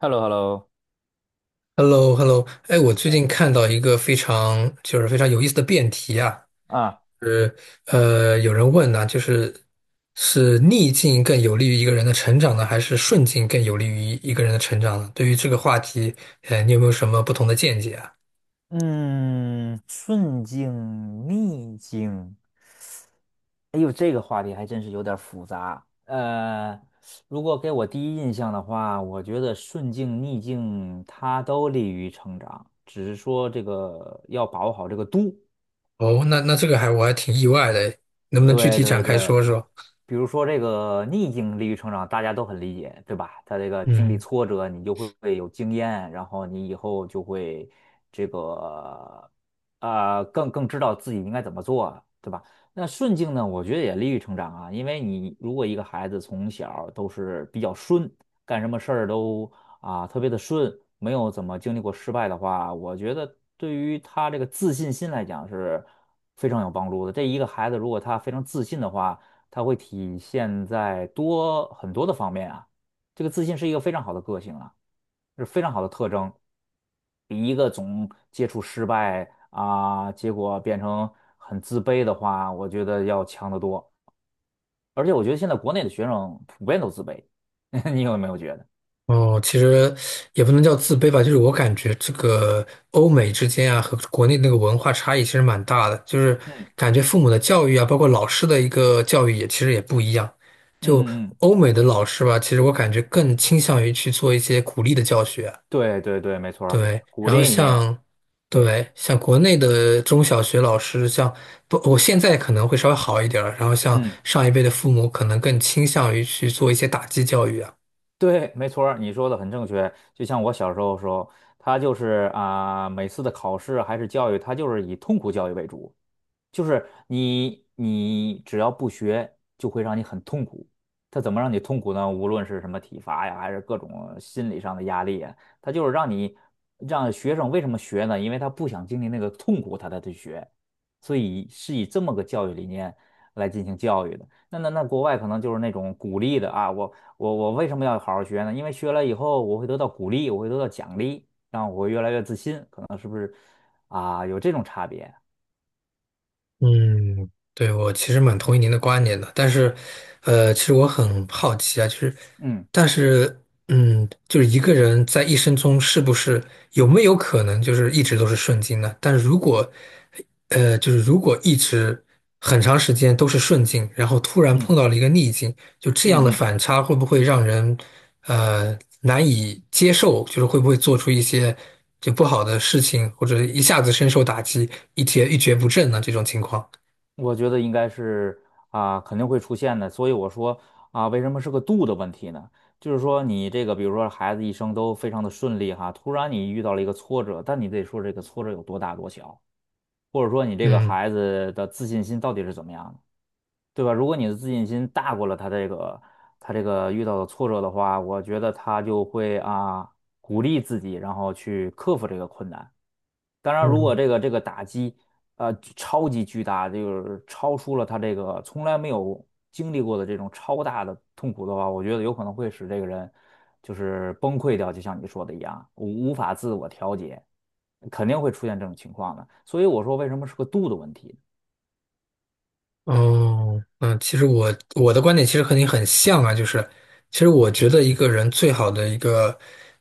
h e l l o h e l l o h e l l o h e l l o 哎，我最近哎，看到一个非常有意思的辩题啊，啊，是有人问呢、逆境更有利于一个人的成长呢，还是顺境更有利于一个人的成长呢？对于这个话题，你有没有什么不同的见解啊？嗯，顺境逆境，哎呦，这个话题还真是有点儿复杂。如果给我第一印象的话，我觉得顺境逆境它都利于成长，只是说这个要把握好这个度。哦，那这个我还挺意外的，能不能具对体展对开对，说说？比如说这个逆境利于成长，大家都很理解，对吧？他这个经历嗯。挫折，你就会有经验，然后你以后就会这个更知道自己应该怎么做，对吧？那顺境呢，我觉得也利于成长啊，因为你如果一个孩子从小都是比较顺，干什么事儿都啊，特别的顺，没有怎么经历过失败的话，我觉得对于他这个自信心来讲是非常有帮助的。这一个孩子如果他非常自信的话，他会体现在多很多的方面啊。这个自信是一个非常好的个性啊，是非常好的特征，比一个总接触失败啊，结果变成很自卑的话，我觉得要强得多。而且我觉得现在国内的学生普遍都自卑，你有没有觉得？哦，其实也不能叫自卑吧，就是我感觉这个欧美之间啊和国内那个文化差异其实蛮大的，就是嗯感觉父母的教育啊，包括老师的一个教育也其实也不一样。嗯就嗯嗯。欧美的老师吧，其实我感觉更倾向于去做一些鼓励的教学，对对对，没错儿，对。鼓然后励你。像对，对像国内的中小学老师，像不，我现在可能会稍微好一点儿，然后像嗯，上一辈的父母可能更倾向于去做一些打击教育啊。对，没错儿，你说的很正确。就像我小时候的时候，他就是啊、每次的考试还是教育，他就是以痛苦教育为主。就是你只要不学，就会让你很痛苦。他怎么让你痛苦呢？无论是什么体罚呀，还是各种心理上的压力啊，它就是让你让学生为什么学呢？因为他不想经历那个痛苦，他才去学。所以是以这么个教育理念来进行教育的。那国外可能就是那种鼓励的啊，我为什么要好好学呢？因为学了以后我会得到鼓励，我会得到奖励，让我会越来越自信，可能是不是啊？有这种差别？嗯，对，我其实蛮同意您的观点的，但是，其实我很好奇啊，就是，嗯但是，嗯，就是一个人在一生中有没有可能就是一直都是顺境呢？但是如果，就是如果一直很长时间都是顺境，然后突然嗯。碰到了一个逆境，就这样的嗯嗯，反差会不会让人，难以接受？就是会不会做出一些就不好的事情，或者一下子深受打击，一蹶不振呢？这种情况？我觉得应该是啊，肯定会出现的。所以我说啊，为什么是个度的问题呢？就是说你这个，比如说孩子一生都非常的顺利哈，突然你遇到了一个挫折，但你得说这个挫折有多大多小，或者说你这个嗯。孩子的自信心到底是怎么样的，对吧？如果你的自信心大过了他这个遇到的挫折的话，我觉得他就会啊鼓励自己，然后去克服这个困难。当然，如果嗯，这个打击，超级巨大，就是超出了他这个从来没有经历过的这种超大的痛苦的话，我觉得有可能会使这个人就是崩溃掉，就像你说的一样，无法自我调节，肯定会出现这种情况的。所以我说，为什么是个度的问题？哦，嗯，其实我的观点其实和你很像啊，就是其实我觉得一个人最好的一个，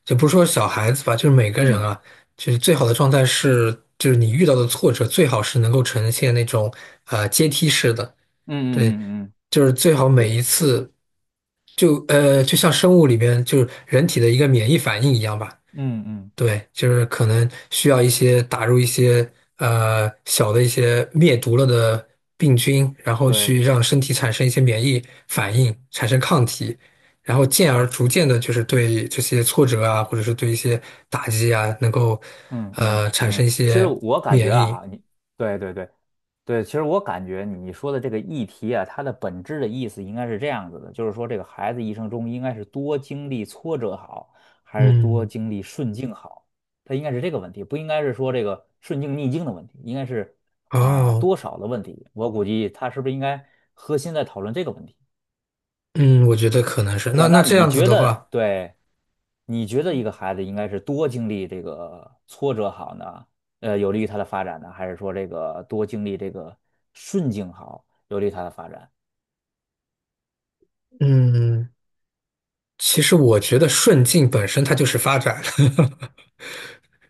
就不是说小孩子吧，就是每个人嗯啊，就是最好的状态是，就是你遇到的挫折最好是能够呈现那种阶梯式的，嗯对，嗯嗯嗯，就是最好每一对，次就像生物里边就是人体的一个免疫反应一样吧，嗯嗯对，就是可能需要一些打入一些小的一些灭毒了的病菌，然后对。去让身体产生一些免疫反应，产生抗体，然后进而逐渐的，就是对这些挫折啊，或者是对一些打击啊，能够嗯嗯产生嗯，一其实些我感觉免疫。啊，你对对对对，其实我感觉你说的这个议题啊，它的本质的意思应该是这样子的，就是说这个孩子一生中应该是多经历挫折好，还是多嗯，经历顺境好？它应该是这个问题，不应该是说这个顺境逆境的问题，应该是啊、哦，多少的问题。我估计他是不是应该核心在讨论这个问题？嗯，我觉得可能是。对那吧？那那这你样子觉的得，话，对，你觉得一个孩子应该是多经历这个挫折好呢？有利于他的发展呢，还是说这个多经历这个顺境好，有利于他的发展？嗯，其实我觉得顺境本身它就是发展。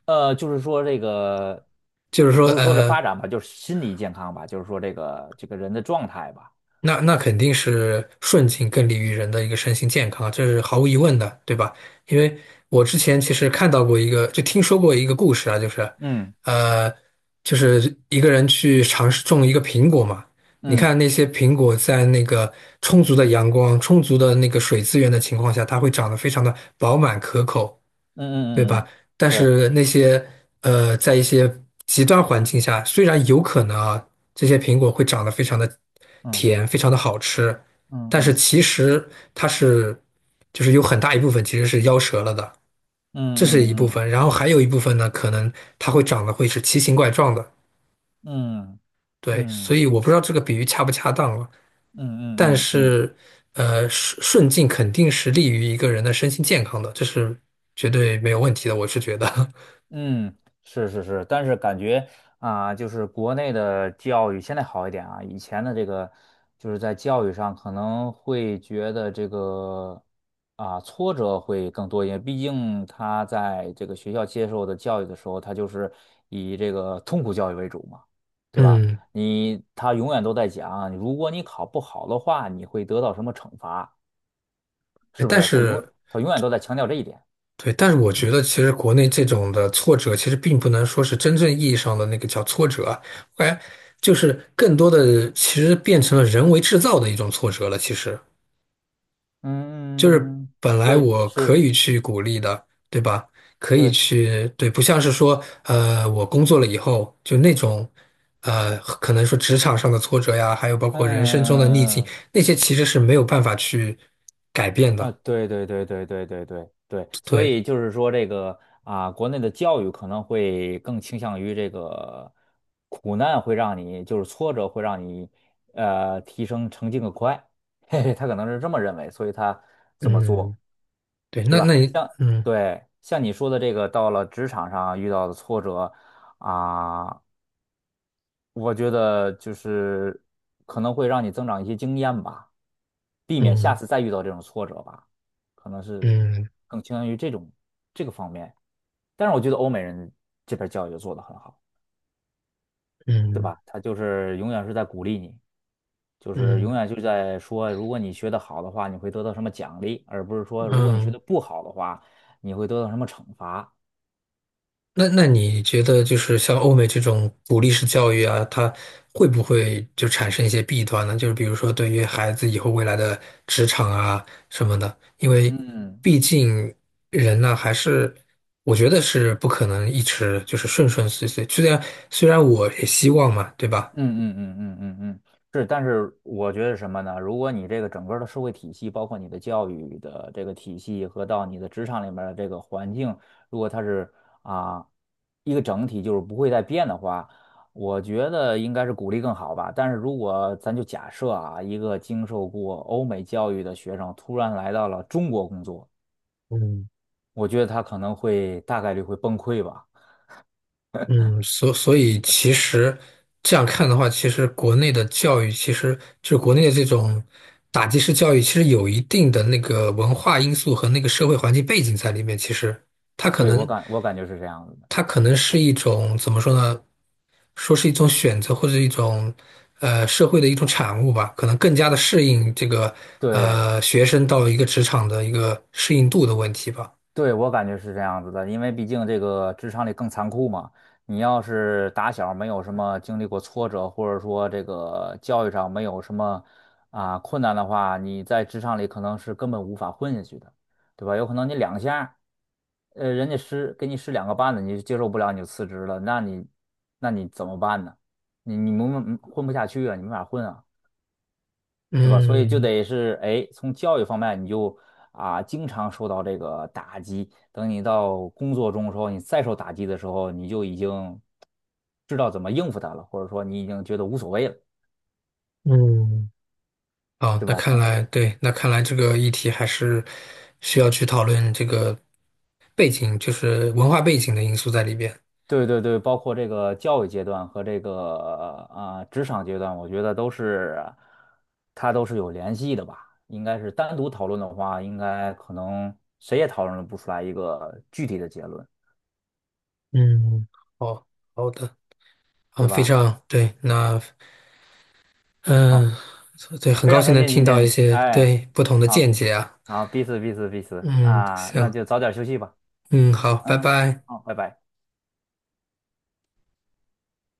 就是说这个，就是说，不是说这发展吧，就是心理健康吧，就是说这个人的状态吧。那那肯定是顺境更利于人的一个身心健康啊这是毫无疑问的，对吧？因为我之前其实看到过一个，就听说过一个故事啊，就是，嗯呃，就是一个人去尝试种一个苹果嘛，你嗯看那些苹果在那个充足的阳光、充足的那个水资源的情况下，它会长得非常的饱满可口。对嗯嗯嗯吧？嗯，但对，是那些在一些极端环境下，虽然有可能啊，这些苹果会长得非常的嗯甜，非常的好吃，嗯但是嗯其实它是就是有很大一部分其实是夭折了的，这是嗯一部嗯分。然后还有一部分呢，可能它会长得会是奇形怪状的。嗯嗯对，所嗯嗯以我不知道这个比喻恰不恰当了，嗯但嗯嗯嗯。是顺境肯定是利于一个人的身心健康的，这是绝对没有问题的，我是觉得，嗯，是是是，但是感觉啊、就是国内的教育现在好一点啊，以前的这个就是在教育上可能会觉得这个啊、挫折会更多一点，毕竟他在这个学校接受的教育的时候，他就是以这个痛苦教育为主嘛，对吧？嗯。你他永远都在讲，如果你考不好的话，你会得到什么惩罚，哎是不但是？他永是他永远都在强调这一点。对，但是我觉得其实国内这种的挫折，其实并不能说是真正意义上的那个叫挫折啊，我感觉就是更多的其实变成了人为制造的一种挫折了。其实就是嗯，本来对，我可是。以去鼓励的，对吧？可以对。去，对，不像是说，我工作了以后就那种，可能说职场上的挫折呀，还有包嗯括人生中的逆嗯境，嗯嗯那些其实是没有办法去改变啊，的。对对对对对对对对，所对，以就是说这个啊，国内的教育可能会更倾向于这个苦难会让你就是挫折会让你提升成绩更快，嘿嘿，他可能是这么认为，所以他这么嗯，做，对，对那那吧？你。像嗯。对像你说的这个，到了职场上遇到的挫折啊。我觉得就是可能会让你增长一些经验吧，避免下嗯次再遇到这种挫折吧，可能是嗯更倾向于这个方面。但是我觉得欧美人这边教育就做得很好，对嗯吧？他就是永远是在鼓励你，就是嗯永远就在说，如果你学得好的话，你会得到什么奖励，而不是说如果你学嗯，得不好的话，你会得到什么惩罚。那那你觉得就是像欧美这种鼓励式教育啊，它会不会就产生一些弊端呢？就是比如说对于孩子以后未来的职场啊什么的，因为嗯，毕竟人呢还是我觉得是不可能一直就是顺顺遂遂，虽然虽然我也希望嘛，对吧？嗯嗯嗯嗯嗯嗯，是，但是我觉得什么呢？如果你这个整个的社会体系，包括你的教育的这个体系和到你的职场里面的这个环境，如果它是啊一个整体，就是不会再变的话，我觉得应该是鼓励更好吧。但是如果咱就假设啊，一个经受过欧美教育的学生突然来到了中国工作，嗯。我觉得他可能会大概率会崩溃吧。嗯，所所以其实这样看的话，其实国内的教育，其实就是国内的这种打击式教育，其实有一定的那个文化因素和那个社会环境背景在里面。其实它可对，我能，感我感觉是这样子的。它可能是一种怎么说呢？说是一种选择或者一种社会的一种产物吧，可能更加的适应这个对。学生到一个职场的一个适应度的问题吧。对，我感觉是这样子的，因为毕竟这个职场里更残酷嘛。你要是打小没有什么经历过挫折，或者说这个教育上没有什么啊困难的话，你在职场里可能是根本无法混下去的，对吧？有可能你两下，人家施给你施两个绊子，你就接受不了，你就辞职了，那你怎么办呢？你你没混不下去啊，你没法混啊。对吧？所以就嗯得是，哎，从教育方面你就啊，经常受到这个打击。等你到工作中的时候，你再受打击的时候，你就已经知道怎么应付他了，或者说你已经觉得无所谓了，嗯，好，对那吧？看可来对，那看来这个议题还是需要去讨论这个背景，就是文化背景的因素在里边。对对对，包括这个教育阶段和这个啊、职场阶段，我觉得都是它都是有联系的吧。应该是单独讨论的话，应该可能谁也讨论不出来一个具体的结论，嗯，好，好的，啊，对非吧？常对，那好，嗯，对，很非高常兴开能心听今到一天，些哎。对不同的见好，解啊。好，彼此彼此彼此嗯，啊，那行，就早点休息吧。嗯，好，拜嗯，好拜。好，拜拜。